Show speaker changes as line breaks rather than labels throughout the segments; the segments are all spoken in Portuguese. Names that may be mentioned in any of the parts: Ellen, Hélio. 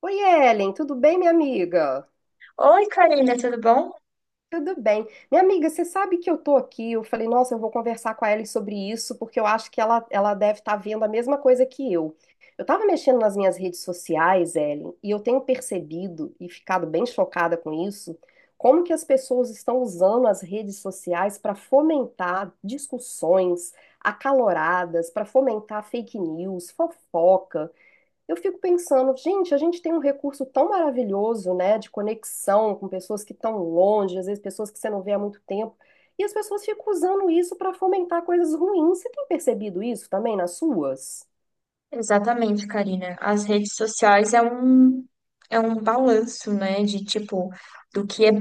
Oi, Ellen, tudo bem, minha amiga?
Oi, Karina, tudo bom?
Tudo bem. Minha amiga, você sabe que eu tô aqui. Eu falei, nossa, eu vou conversar com a Ellen sobre isso, porque eu acho que ela deve estar vendo a mesma coisa que eu. Eu tava mexendo nas minhas redes sociais, Ellen, e eu tenho percebido e ficado bem chocada com isso, como que as pessoas estão usando as redes sociais para fomentar discussões acaloradas, para fomentar fake news, fofoca. Eu fico pensando, gente, a gente tem um recurso tão maravilhoso, né, de conexão com pessoas que estão longe, às vezes pessoas que você não vê há muito tempo, e as pessoas ficam usando isso para fomentar coisas ruins. Você tem percebido isso também nas suas?
Exatamente, Karina. As redes sociais é um balanço, né, do que é-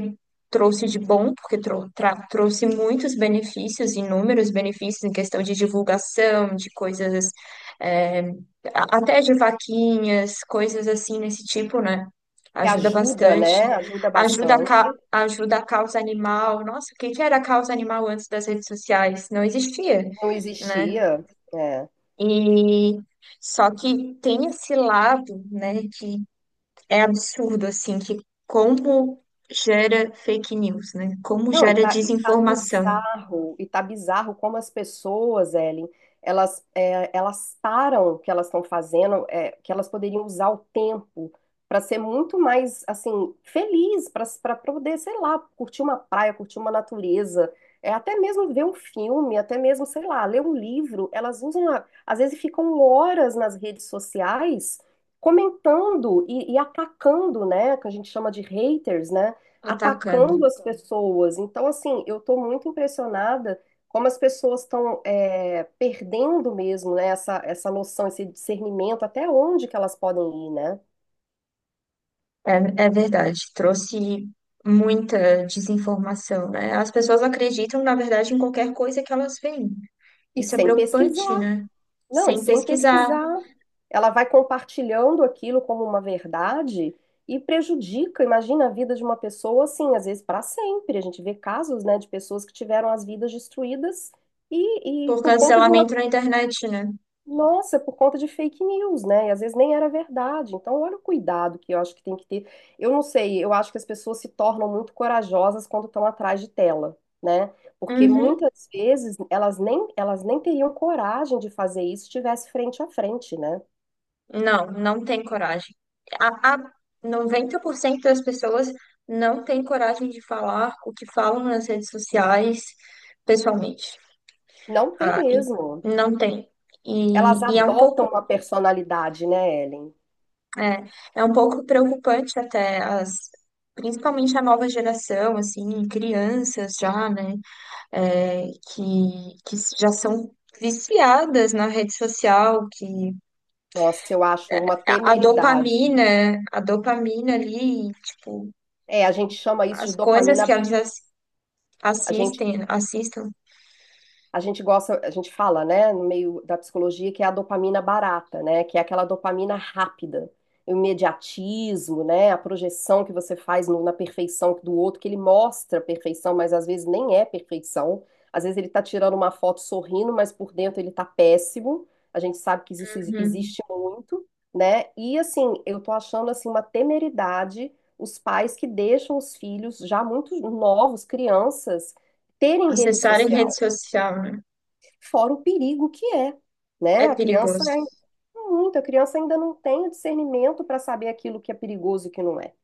trouxe de bom, porque trouxe muitos benefícios, inúmeros benefícios em questão de divulgação, de coisas, é, até de vaquinhas, coisas assim nesse tipo, né?
Que
Ajuda
ajuda,
bastante.
né? Ajuda bastante.
Ajuda a causa animal. Nossa, o que que era a causa animal antes das redes sociais? Não existia,
Não
né?
existia. É.
E só que tem esse lado, né, que é absurdo, assim, que como gera fake news, né? Como
Não,
gera desinformação
e tá bizarro como as pessoas, Ellen, elas, elas param o que elas estão fazendo, que elas poderiam usar o tempo para ser muito mais, assim, feliz, para poder, sei lá, curtir uma praia, curtir uma natureza, até mesmo ver um filme, até mesmo, sei lá, ler um livro. Elas usam, às vezes ficam horas nas redes sociais comentando e atacando, né, que a gente chama de haters, né?
atacando.
Atacando as pessoas. Então, assim, eu estou muito impressionada como as pessoas estão perdendo mesmo, né, essa noção, esse discernimento, até onde que elas podem ir, né?
É, é verdade, trouxe muita desinformação, né? As pessoas acreditam, na verdade, em qualquer coisa que elas veem.
E
Isso é
sem
preocupante,
pesquisar.
né?
Não, e
Sem
sem
pesquisar,
pesquisar. Ela vai compartilhando aquilo como uma verdade e prejudica, imagina a vida de uma pessoa assim, às vezes para sempre. A gente vê casos, né, de pessoas que tiveram as vidas destruídas e
por
por conta de uma.
cancelamento na internet, né?
Nossa, por conta de fake news, né? E às vezes nem era verdade. Então, olha o cuidado que eu acho que tem que ter. Eu não sei, eu acho que as pessoas se tornam muito corajosas quando estão atrás de tela, né? Porque
Uhum.
muitas vezes elas nem teriam coragem de fazer isso se estivesse frente a frente, né?
Não tem coragem. A 90% das pessoas não tem coragem de falar o que falam nas redes sociais pessoalmente.
Não tem
Ah, e
mesmo.
não tem.
Elas
E, e é um
adotam
pouco,
uma personalidade, né, Ellen?
é, é um pouco preocupante principalmente a nova geração, assim, crianças já, né, que já são viciadas na rede social, que
Nossa, eu acho uma temeridade.
a dopamina ali, tipo
É, a gente chama isso de
as coisas que
dopamina, a gente
assistem, assistam,
a gente gosta, a gente fala, né, no meio da psicologia, que é a dopamina barata, né, que é aquela dopamina rápida, o imediatismo, né, a projeção que você faz na perfeição do outro, que ele mostra perfeição, mas às vezes nem é perfeição. Às vezes ele tá tirando uma foto sorrindo, mas por dentro ele tá péssimo. A gente sabe que isso
uhum.
existe muito, né? E assim, eu tô achando assim uma temeridade os pais que deixam os filhos já muito novos, crianças terem rede
Acessarem rede
social
social, né?
fora o perigo que é,
É
né? A criança
perigoso.
é muito, a criança ainda não tem o discernimento para saber aquilo que é perigoso e que não é.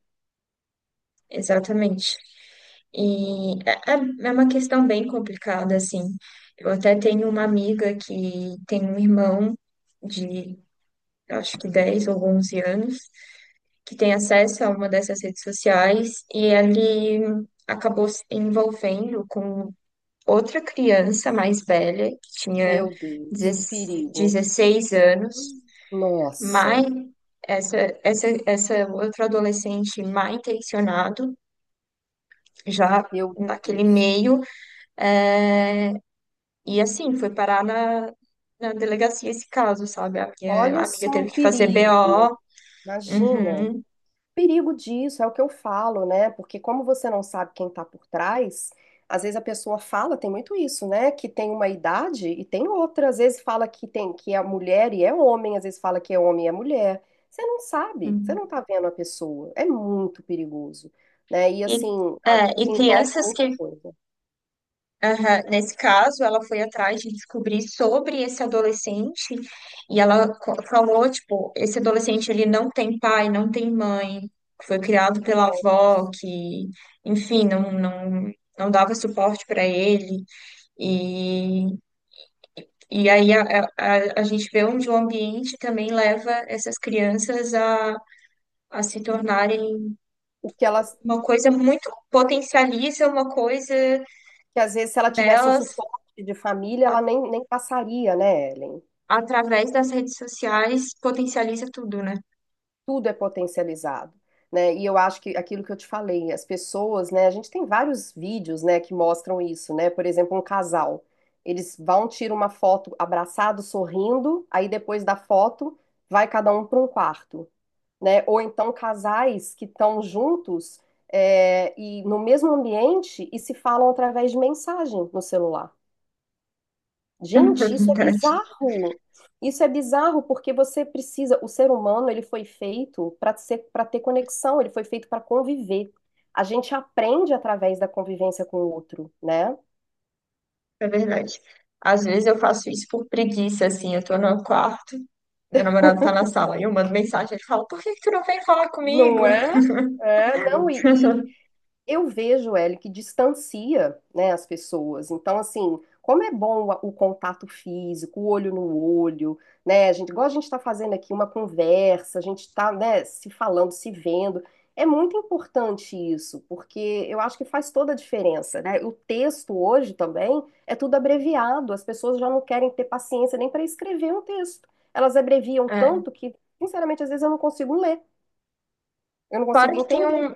Exatamente. É uma questão bem complicada, assim. Eu até tenho uma amiga que tem um irmão de, acho que 10 ou 11 anos, que tem acesso a uma dessas redes sociais e ele acabou se envolvendo com outra criança mais velha, que tinha
Meu Deus, que perigo.
16 anos. Mai,
Nossa,
essa, essa outra adolescente mal intencionado, já
meu
naquele
Deus.
meio, é, e assim, foi parar na, na delegacia esse caso, sabe? A minha
Olha só
amiga teve
o
que fazer
perigo.
BO.
Imagina.
Uhum,
Perigo disso, é o que eu falo, né? Porque como você não sabe quem tá por trás, às vezes a pessoa fala, tem muito isso, né? Que tem uma idade e tem outra, às vezes fala que tem que é mulher e é homem, às vezes fala que é homem e é mulher. Você não sabe, você
uhum.
não tá vendo a pessoa. É muito perigoso, né? E assim,
E, é,
a-
e
envolve
crianças que
muita coisa.
Aham, nesse caso, ela foi atrás de descobrir sobre esse adolescente e falou, tipo, esse adolescente ele não tem pai, não tem mãe, foi criado pela avó que, enfim, não dava suporte para ele e, e aí a gente vê onde o ambiente também leva essas crianças a se tornarem
O que ela,
uma coisa muito, potencializa uma coisa
que às vezes se ela tivesse um
nelas
suporte de família, ela nem passaria, né, Ellen?
através das redes sociais potencializa tudo, né?
Tudo é potencializado, né? E eu acho que aquilo que eu te falei, as pessoas, né? A gente tem vários vídeos, né, que mostram isso, né? Por exemplo, um casal, eles vão tirar uma foto abraçado, sorrindo, aí depois da foto vai cada um para um quarto, né? Ou então casais que estão juntos e no mesmo ambiente e se falam através de mensagem no celular.
É
Gente, isso é
verdade,
bizarro. Isso é bizarro porque você precisa, o ser humano, ele foi feito para ser, para ter conexão, ele foi feito para conviver. A gente aprende através da convivência com o outro, né?
é verdade. Às vezes eu faço isso por preguiça, assim, eu tô no quarto, meu namorado tá na sala, e eu mando mensagem, ele fala, por que que tu não vem falar comigo?
Não é? É, não, e, eu vejo, Hélio, que distancia, né, as pessoas. Então, assim, como é bom o contato físico, o olho no olho, né? A gente, igual a gente está fazendo aqui uma conversa, a gente está, né, se falando, se vendo. É muito importante isso, porque eu acho que faz toda a diferença, né? O texto hoje também é tudo abreviado, as pessoas já não querem ter paciência nem para escrever um texto. Elas abreviam
É.
tanto que, sinceramente, às vezes eu não consigo ler, eu não
Claro
consigo
que tem
entender.
um,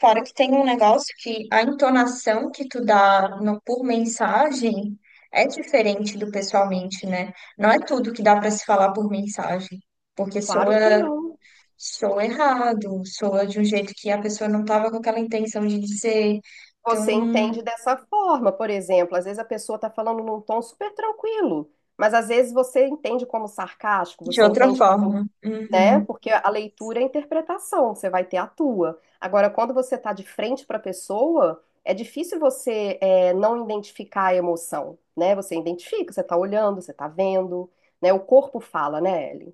claro que tem um negócio que a entonação que tu dá no- por mensagem é diferente do pessoalmente, né? Não é tudo que dá pra se falar por mensagem, porque
Claro que
soa
não.
sou errado, soa de um jeito que a pessoa não estava com aquela intenção de dizer.
Você
Então,
entende dessa forma, por exemplo, às vezes a pessoa está falando num tom super tranquilo, mas às vezes você entende como sarcástico,
de
você
outra
entende como,
forma.
né?
Uhum,
Porque a leitura é a interpretação, você vai ter a tua. Agora, quando você está de frente para a pessoa, é difícil você não identificar a emoção, né? Você identifica, você está olhando, você está vendo, né? O corpo fala, né, Ellen?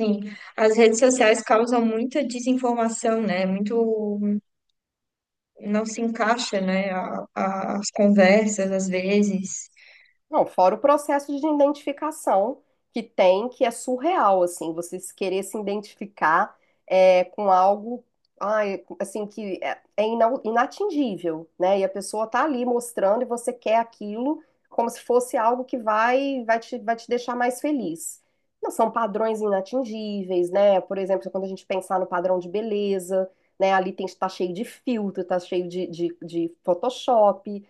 sim, as redes sociais causam muita desinformação, né? Muito não se encaixa, né? As conversas, às vezes.
Não, fora o processo de identificação que tem, que é surreal, assim, você se querer se identificar com algo, ai, assim, que é, inatingível, né? E a pessoa tá ali mostrando e você quer aquilo como se fosse algo que vai te deixar mais feliz. Não, são padrões inatingíveis, né? Por exemplo, quando a gente pensar no padrão de beleza, né? Ali tem, tá cheio de filtro, tá cheio de Photoshop.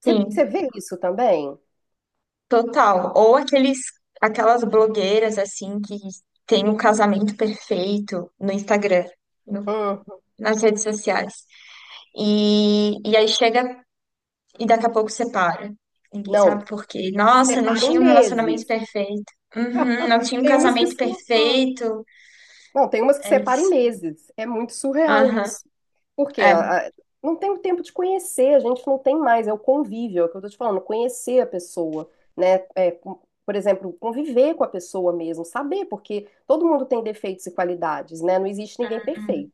Você
Sim,
você vê isso também?
total. Ou aqueles, aquelas blogueiras, assim, que têm o casamento perfeito no Instagram, no-
Hum.
nas redes sociais. Aí chega e daqui a pouco separa. Ninguém sabe
Não,
por quê. Nossa, não
separa em
tinha um relacionamento
meses.
perfeito. Uhum, não tinha um
Tem umas que
casamento
separa.
perfeito.
Não, tem umas que
É
separa em
isso.
meses. É muito surreal
Aham.
isso. Porque
É,
não tem o tempo de conhecer, a gente não tem mais, é o convívio, é o que eu tô te falando, conhecer a pessoa, né? É, por exemplo, conviver com a pessoa mesmo, saber, porque todo mundo tem defeitos e qualidades, né? Não existe ninguém perfeito.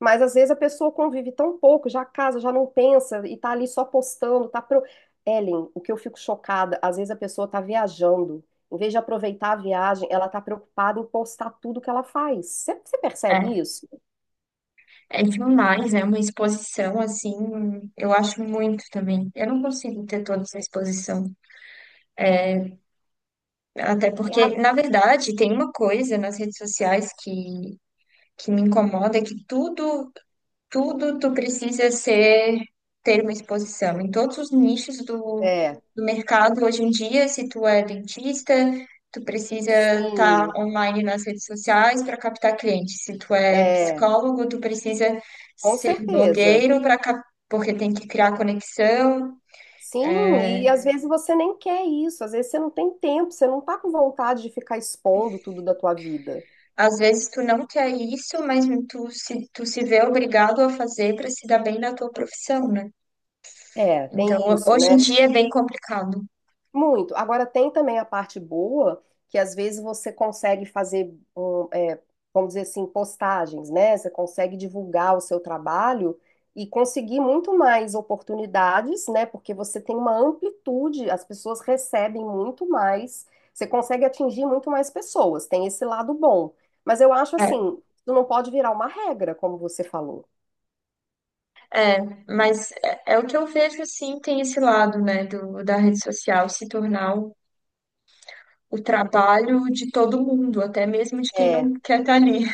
Mas às vezes a pessoa convive tão pouco, já casa, já não pensa e tá ali só postando, tá pro... Ellen, o que eu fico chocada, às vezes a pessoa tá viajando, em vez de aproveitar a viagem, ela tá preocupada em postar tudo que ela faz. Você percebe
é.
isso?
É demais, é uma exposição assim. Eu acho muito também. Eu não consigo ter toda essa exposição. Até
É, a-
porque, na verdade, tem uma coisa nas redes sociais que me incomoda, é que tudo tu precisa ser ter uma exposição em todos os nichos do,
é,
do mercado hoje em dia, se tu é dentista, tu precisa estar
sim,
online nas redes sociais para captar clientes. Se tu é
é,
psicólogo, tu precisa
com
ser
certeza.
blogueiro para cap... porque tem que criar conexão.
Sim, e às vezes você nem quer isso, às vezes você não tem tempo, você não tá com vontade de ficar expondo tudo da tua vida.
Às vezes tu não quer isso, mas tu se vê obrigado a fazer para se dar bem na tua profissão, né?
É,
Então,
tem isso,
hoje
né?
em dia é bem complicado.
Muito. Agora tem também a parte boa, que às vezes você consegue fazer, vamos dizer assim, postagens, né? Você consegue divulgar o seu trabalho e conseguir muito mais oportunidades, né? Porque você tem uma amplitude, as pessoas recebem muito mais, você consegue atingir muito mais pessoas, tem esse lado bom. Mas eu acho assim, isso não pode virar uma regra, como você falou.
Mas é, é o que eu vejo, sim, tem esse lado, né, da rede social se tornar o trabalho de todo mundo, até mesmo de quem
É.
não quer estar ali.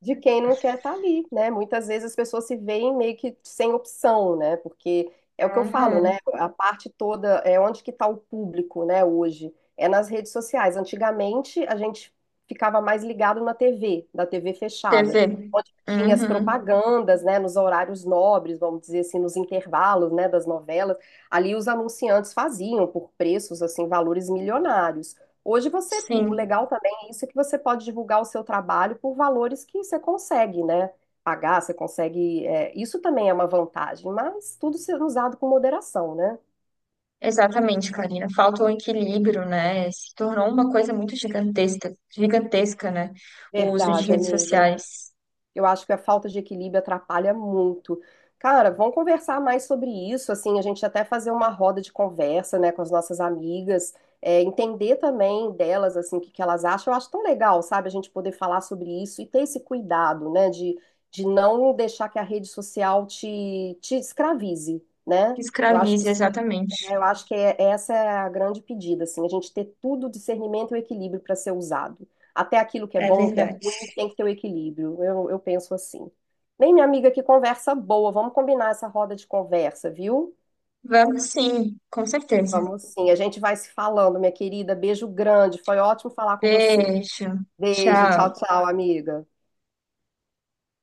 De quem não quer estar ali, né? Muitas vezes as pessoas se veem meio que sem opção, né? Porque é o que eu falo,
Aham,
né? A parte toda é onde que está o público, né? Hoje é nas redes sociais. Antigamente a gente ficava mais ligado na TV, da TV fechada,
TV.
onde tinha as
Uhum,
propagandas, né? Nos horários nobres, vamos dizer assim, nos intervalos, né? Das novelas, ali os anunciantes faziam por preços assim valores milionários. Hoje você, o
sim,
legal tá isso que você pode divulgar o seu trabalho por valores que você consegue, né? Pagar, você consegue. Isso também é uma vantagem, mas tudo sendo usado com moderação, né?
exatamente, Karina. Falta o equilíbrio, né? Se tornou uma coisa muito gigantesca, gigantesca, né? O uso de
Verdade,
redes
amiga.
sociais
Eu acho que a falta de equilíbrio atrapalha muito. Cara, vamos conversar mais sobre isso, assim, a gente até fazer uma roda de conversa, né, com as nossas amigas, entender também delas, assim, o que que elas acham. Eu acho tão legal, sabe, a gente poder falar sobre isso e ter esse cuidado, né, de não deixar que a rede social te escravize, né?
que
Eu acho que
escraviza, exatamente.
Eu acho que essa é a grande pedida, assim, a gente ter tudo o discernimento e o equilíbrio para ser usado. Até aquilo que é
É
bom, que é
verdade.
ruim, tem que ter o equilíbrio. Eu penso assim. Bem, minha amiga, que conversa boa. Vamos combinar essa roda de conversa, viu?
Vamos sim, com certeza.
Vamos sim. A gente vai se falando, minha querida. Beijo grande. Foi ótimo falar com você.
Beijo.
Beijo, tchau,
Tchau.
tchau, amiga.